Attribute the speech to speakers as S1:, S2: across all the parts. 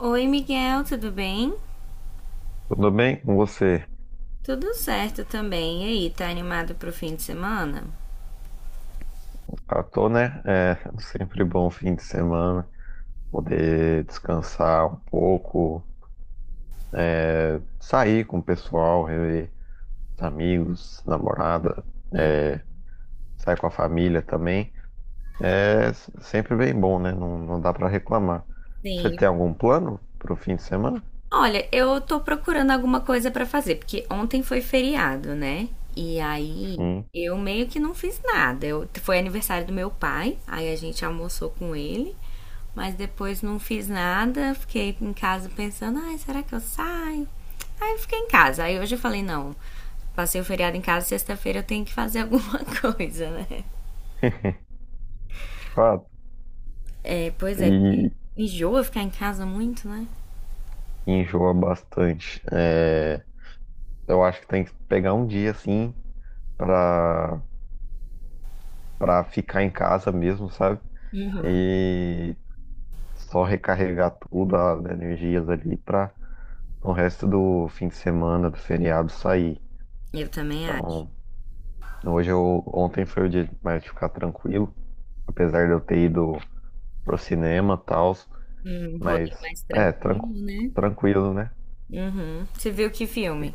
S1: Oi, Miguel, tudo bem?
S2: Tudo bem com você?
S1: Tudo certo também. E aí, tá animado pro fim de semana?
S2: Ah, tô, né? É sempre bom fim de semana, poder descansar um pouco, sair com o pessoal, rever os amigos, namorada, sair com a família também. É sempre bem bom, né? Não, não dá pra reclamar. Você
S1: Sim.
S2: tem algum plano pro fim de semana?
S1: Olha, eu tô procurando alguma coisa pra fazer, porque ontem foi feriado, né? E aí
S2: Sim.
S1: eu meio que não fiz nada. Foi aniversário do meu pai, aí a gente almoçou com ele, mas depois não fiz nada. Fiquei em casa pensando, ai, será que eu saio? Aí eu fiquei em casa. Aí hoje eu falei, não, passei o feriado em casa, sexta-feira eu tenho que fazer alguma coisa, né?
S2: De fato.
S1: É, pois é, porque
S2: E
S1: enjoa ficar em casa muito, né?
S2: enjoa bastante. É, eu acho que tem que pegar um dia assim. Pra pra ficar em casa mesmo, sabe?
S1: Uhum.
S2: E só recarregar tudo, as energias ali pra o resto do fim de semana, do feriado sair.
S1: Eu também acho.
S2: Então, ontem foi o dia mais de ficar tranquilo, apesar de eu ter ido pro cinema e tal,
S1: Um rolê
S2: mas
S1: mais
S2: é,
S1: tranquilo, né?
S2: tranquilo, né?
S1: Uhum. Você viu que filme?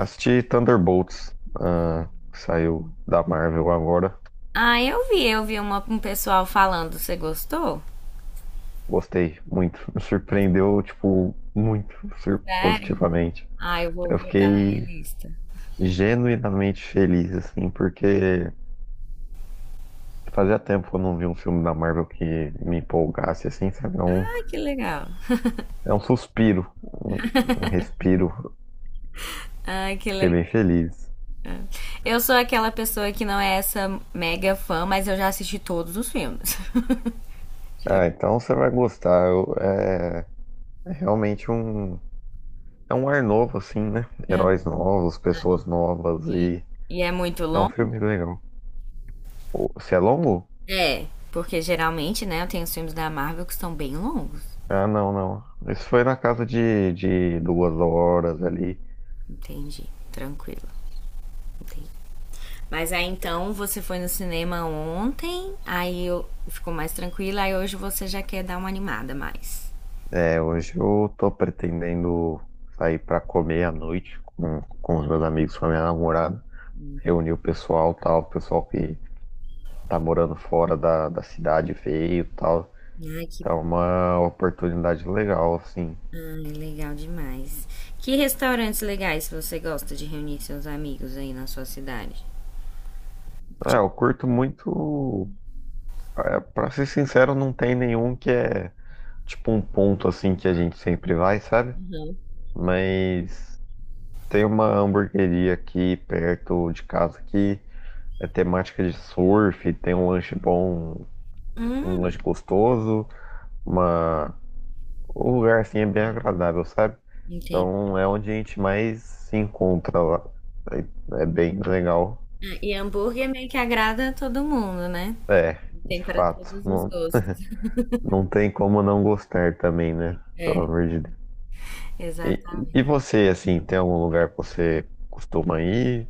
S2: Assisti Thunderbolts, ah, que saiu da Marvel agora.
S1: Ah, eu vi, um pessoal falando. Você gostou?
S2: Gostei muito. Me surpreendeu, tipo, muito
S1: Sério?
S2: positivamente.
S1: Ah, eu vou
S2: Eu
S1: botar na minha
S2: fiquei
S1: lista.
S2: genuinamente feliz, assim, porque fazia tempo que eu não vi um filme da Marvel que me empolgasse, assim, sabe?
S1: Ai, que legal.
S2: É um suspiro, um respiro.
S1: Ai, que
S2: Fiquei
S1: legal.
S2: bem feliz.
S1: Eu sou aquela pessoa que não é essa mega fã, mas eu já assisti todos os filmes. Já-
S2: Ah, então você vai gostar. É realmente é um ar novo, assim, né?
S1: já-
S2: Heróis novos, pessoas novas
S1: E,
S2: e
S1: e é muito
S2: é um
S1: longo?
S2: filme legal. Se é longo?
S1: É, porque geralmente, né, eu tenho os filmes da Marvel que são bem longos.
S2: Ah, não, não. Isso foi na casa de duas horas ali.
S1: Entendi. Tranquilo. Entendi. Mas aí então você foi no cinema ontem, aí eu ficou mais tranquila, aí hoje você já quer dar uma animada mais.
S2: É, hoje eu tô pretendendo sair pra comer à noite com os meus amigos, com a minha namorada, reunir o pessoal, tal, o pessoal que tá morando fora da cidade veio, tal.
S1: Ai, que
S2: Então é
S1: bom.
S2: uma oportunidade legal, assim.
S1: Ai, legal demais. Que restaurantes legais você gosta de reunir seus amigos aí na sua cidade?
S2: É,
S1: Tipo.
S2: eu curto muito, é, pra ser sincero, não tem nenhum que é tipo um ponto assim que a gente sempre vai, sabe?
S1: Uhum.
S2: Mas tem uma hamburgueria aqui perto de casa que é temática de surf, tem um lanche bom, um
S1: Hum,
S2: lanche gostoso, uma... o lugar assim é bem agradável, sabe?
S1: entendi.
S2: Então é onde a gente mais se encontra lá. É bem legal.
S1: Ah, e hambúrguer meio que agrada a todo mundo, né?
S2: É,
S1: Tem
S2: de
S1: para
S2: fato.
S1: todos os
S2: Não,
S1: gostos.
S2: não tem como não gostar também, né? Pelo
S1: É,
S2: amor de Deus. E
S1: exatamente.
S2: você, assim, tem algum lugar que você costuma ir?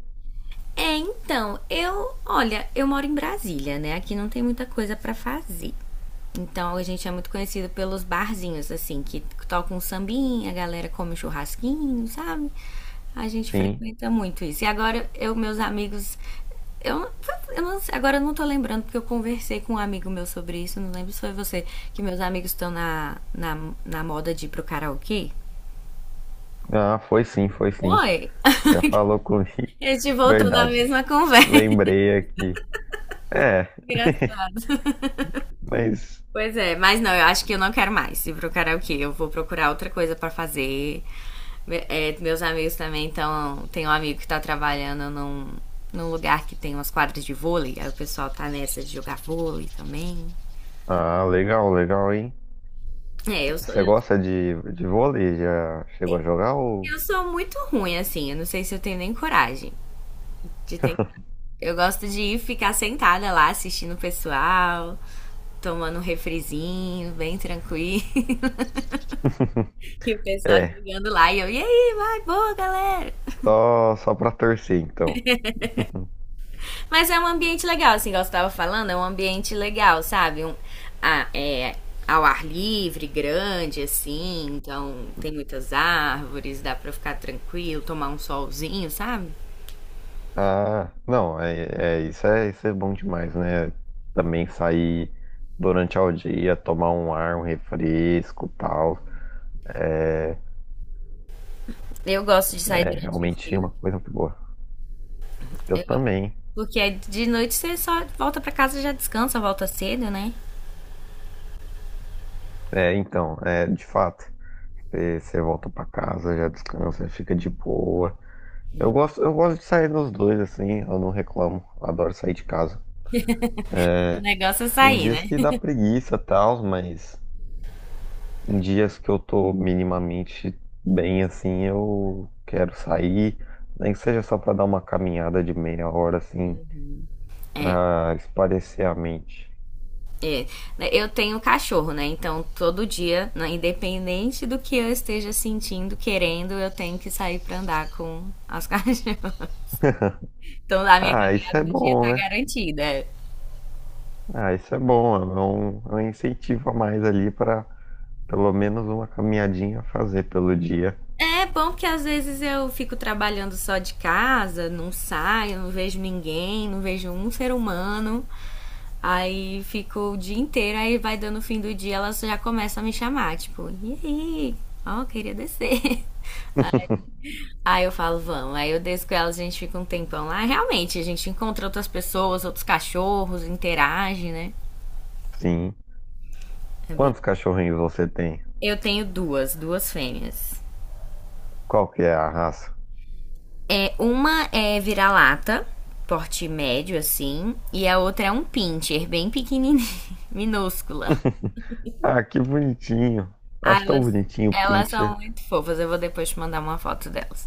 S1: É, então, eu, olha, eu moro em Brasília, né? Aqui não tem muita coisa pra fazer. Então a gente é muito conhecido pelos barzinhos, assim, que tocam um sambinha, a galera come um churrasquinho, sabe? A gente
S2: Sim.
S1: frequenta muito isso. E agora eu, eu não sei, agora eu não tô lembrando porque eu conversei com um amigo meu sobre isso, não lembro se foi você, que meus amigos estão na moda de ir pro karaokê.
S2: Ah, foi sim, foi sim.
S1: Foi!
S2: Já falou comigo.
S1: A gente voltou na
S2: Verdade.
S1: mesma conversa.
S2: Lembrei aqui. É,
S1: Engraçado.
S2: mas.
S1: Pois é, mas não, eu acho que eu não quero mais ir pro karaokê. Eu vou procurar outra coisa pra fazer. É, meus amigos também. Então tem um amigo que tá trabalhando num lugar que tem umas quadras de vôlei. Aí o pessoal tá nessa de jogar vôlei também.
S2: Ah, legal, legal, hein?
S1: É, eu sou,
S2: Você
S1: eu,
S2: gosta de vôlei? Já chegou a jogar ou...
S1: eu sou muito ruim, assim. Eu não sei se eu tenho nem coragem de ter. Eu gosto de ir ficar sentada lá assistindo o pessoal. Tomando um refrizinho, bem tranquilo. E o pessoal
S2: É,
S1: jogando lá. E eu, e aí, vai, boa, galera.
S2: só, só pra torcer, então.
S1: Mas é um ambiente legal, assim, igual você tava falando, é um ambiente legal, sabe? A- é, ao ar livre, grande, assim, então tem muitas árvores, dá pra ficar tranquilo, tomar um solzinho, sabe?
S2: Ah, não, isso é bom demais, né? Também sair durante o dia, tomar um ar, um refresco, tal. É,
S1: Eu gosto de sair
S2: é
S1: durante o
S2: realmente é uma
S1: dia.
S2: coisa muito boa. Eu também.
S1: Porque aí de noite você só volta pra casa, já descansa, volta cedo, né?
S2: É, então, é, de fato, você volta pra casa, já descansa, fica de boa. Eu gosto de sair nos dois, assim, eu não reclamo. Adoro sair de casa.
S1: O
S2: É,
S1: negócio é
S2: tem
S1: sair,
S2: dias
S1: né?
S2: que dá preguiça e tal, mas em dias que eu tô minimamente bem assim, eu quero sair, nem que seja só pra dar uma caminhada de meia hora assim,
S1: É,
S2: pra espairecer a mente.
S1: é. Eu tenho cachorro, né? Então todo dia, né, independente do que eu esteja sentindo, querendo, eu tenho que sair pra andar com as cachorras. Então lá minha
S2: Ah, isso
S1: caminhada
S2: é
S1: do dia
S2: bom,
S1: tá
S2: né?
S1: garantida.
S2: Ah, isso é bom, é um incentivo a mais ali pra pelo menos uma caminhadinha fazer pelo dia.
S1: É bom porque às vezes eu fico trabalhando só de casa, não saio, não vejo ninguém, não vejo um ser humano. Aí fico o dia inteiro, aí vai dando o fim do dia, elas já começam a me chamar, tipo, e aí? Ó, queria descer. Aí eu falo, vamos. Aí eu desço com elas, a gente fica um tempão lá. Realmente, a gente encontra outras pessoas, outros cachorros, interage, né?
S2: Sim.
S1: É bem-
S2: Quantos cachorrinhos você tem?
S1: Eu tenho duas, duas fêmeas.
S2: Qual que é a raça?
S1: É, uma é vira-lata, porte médio, assim, e a outra é um pincher, bem pequenininha, minúscula.
S2: Ah, que bonitinho.
S1: Ah,
S2: Acho tão bonitinho o
S1: elas
S2: pincher.
S1: são muito fofas, eu vou depois te mandar uma foto delas.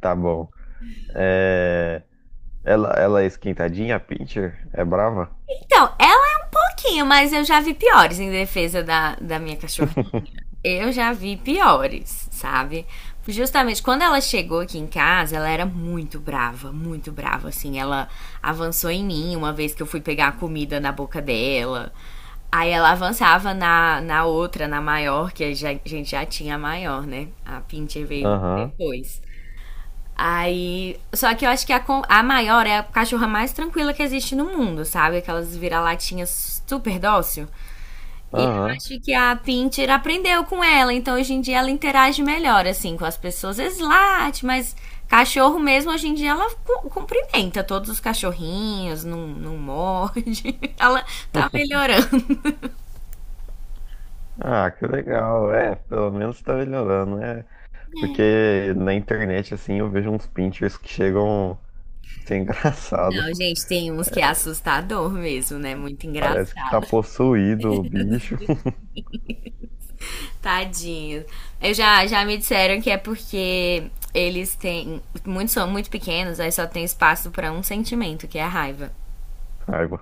S2: Tá bom. É, ela é esquentadinha, a Pinscher? É brava?
S1: Então, ela é um pouquinho, mas eu já vi piores em defesa da minha cachorrinha. Eu já vi piores, sabe? Justamente quando ela chegou aqui em casa, ela era muito brava, muito brava. Assim, ela avançou em mim uma vez que eu fui pegar a comida na boca dela. Aí ela avançava na outra, na maior, que a gente já tinha a maior, né? A Pincher veio
S2: Aham,
S1: depois. Aí. Só que eu acho que a maior é a cachorra mais tranquila que existe no mundo, sabe? Aquelas vira-latinhas super dócil. E eu
S2: aham.
S1: acho que a Pinter aprendeu com ela, então hoje em dia ela interage melhor, assim, com as pessoas. Às vezes late, mas cachorro mesmo, hoje em dia ela cumprimenta todos os cachorrinhos, não, não morde. Ela tá melhorando.
S2: Ah, que legal. É, pelo menos tá melhorando, né? Porque na internet, assim, eu vejo uns pinchers que chegam a ser engraçado.
S1: Não, gente, tem uns que é assustador mesmo, né? Muito
S2: Parece que tá
S1: engraçado.
S2: possuído o bicho.
S1: Tadinho. Já me disseram que é porque eles têm. Muitos são muito pequenos, aí só tem espaço pra um sentimento, que é a raiva.
S2: Raiva.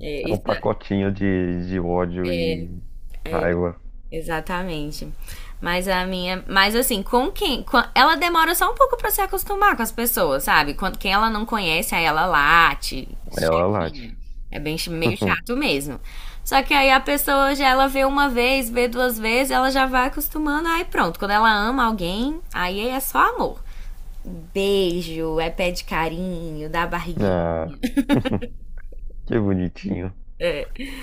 S1: É,
S2: É um
S1: isso é,
S2: pacotinho de ódio e raiva.
S1: exatamente. Mas a minha. Mas assim, ela demora só um pouco pra se acostumar com as pessoas, sabe? Quem ela não conhece, aí ela late,
S2: Ela late.
S1: chatinha. Meio chato mesmo. Só que aí a pessoa já ela vê uma vez, vê duas vezes, ela já vai acostumando, aí pronto. Quando ela ama alguém, aí é só amor. Beijo, é pé de carinho, dá barriguinha.
S2: Ah, que bonitinho.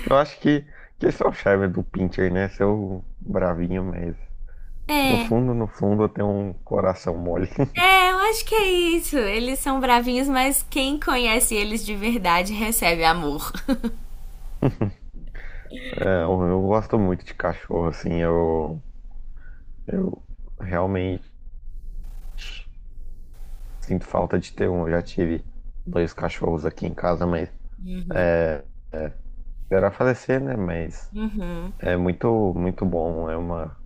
S2: Eu acho que esse é o charme do pincher, né? Seu bravinho mesmo. No
S1: É,
S2: fundo, no fundo, eu tenho um coração mole.
S1: eu acho que é isso. Eles são bravinhos, mas quem conhece eles de verdade recebe amor.
S2: É, eu gosto muito de cachorro, assim, eu realmente sinto falta de ter um. Eu já tive dois cachorros aqui em casa, mas esperar falecer, né? Mas
S1: Uhum.
S2: é muito, muito bom, é uma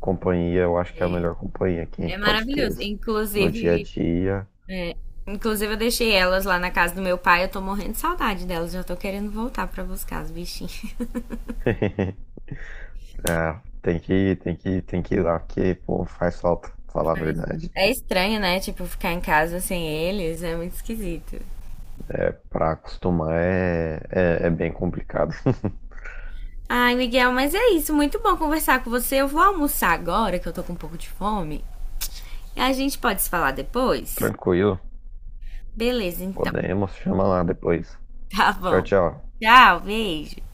S2: companhia, eu acho que é a melhor companhia que a
S1: É
S2: gente pode ter
S1: maravilhoso.
S2: no dia a dia.
S1: É, inclusive eu deixei elas lá na casa do meu pai. Eu tô morrendo de saudade delas. Já tô querendo voltar pra buscar os bichinhos.
S2: É, tem que ir lá, porque, pô, faz falta, falar a
S1: Mas
S2: verdade.
S1: é
S2: Tipo,
S1: estranho, né? Tipo, ficar em casa sem eles. É muito esquisito.
S2: é, pra acostumar é, é bem complicado.
S1: Ai, Miguel, mas é isso. Muito bom conversar com você. Eu vou almoçar agora, que eu tô com um pouco de fome. A gente pode se falar depois?
S2: Tranquilo.
S1: Beleza, então.
S2: Podemos. Chama lá depois.
S1: Tá
S2: Tchau,
S1: bom.
S2: tchau.
S1: Tchau, beijo.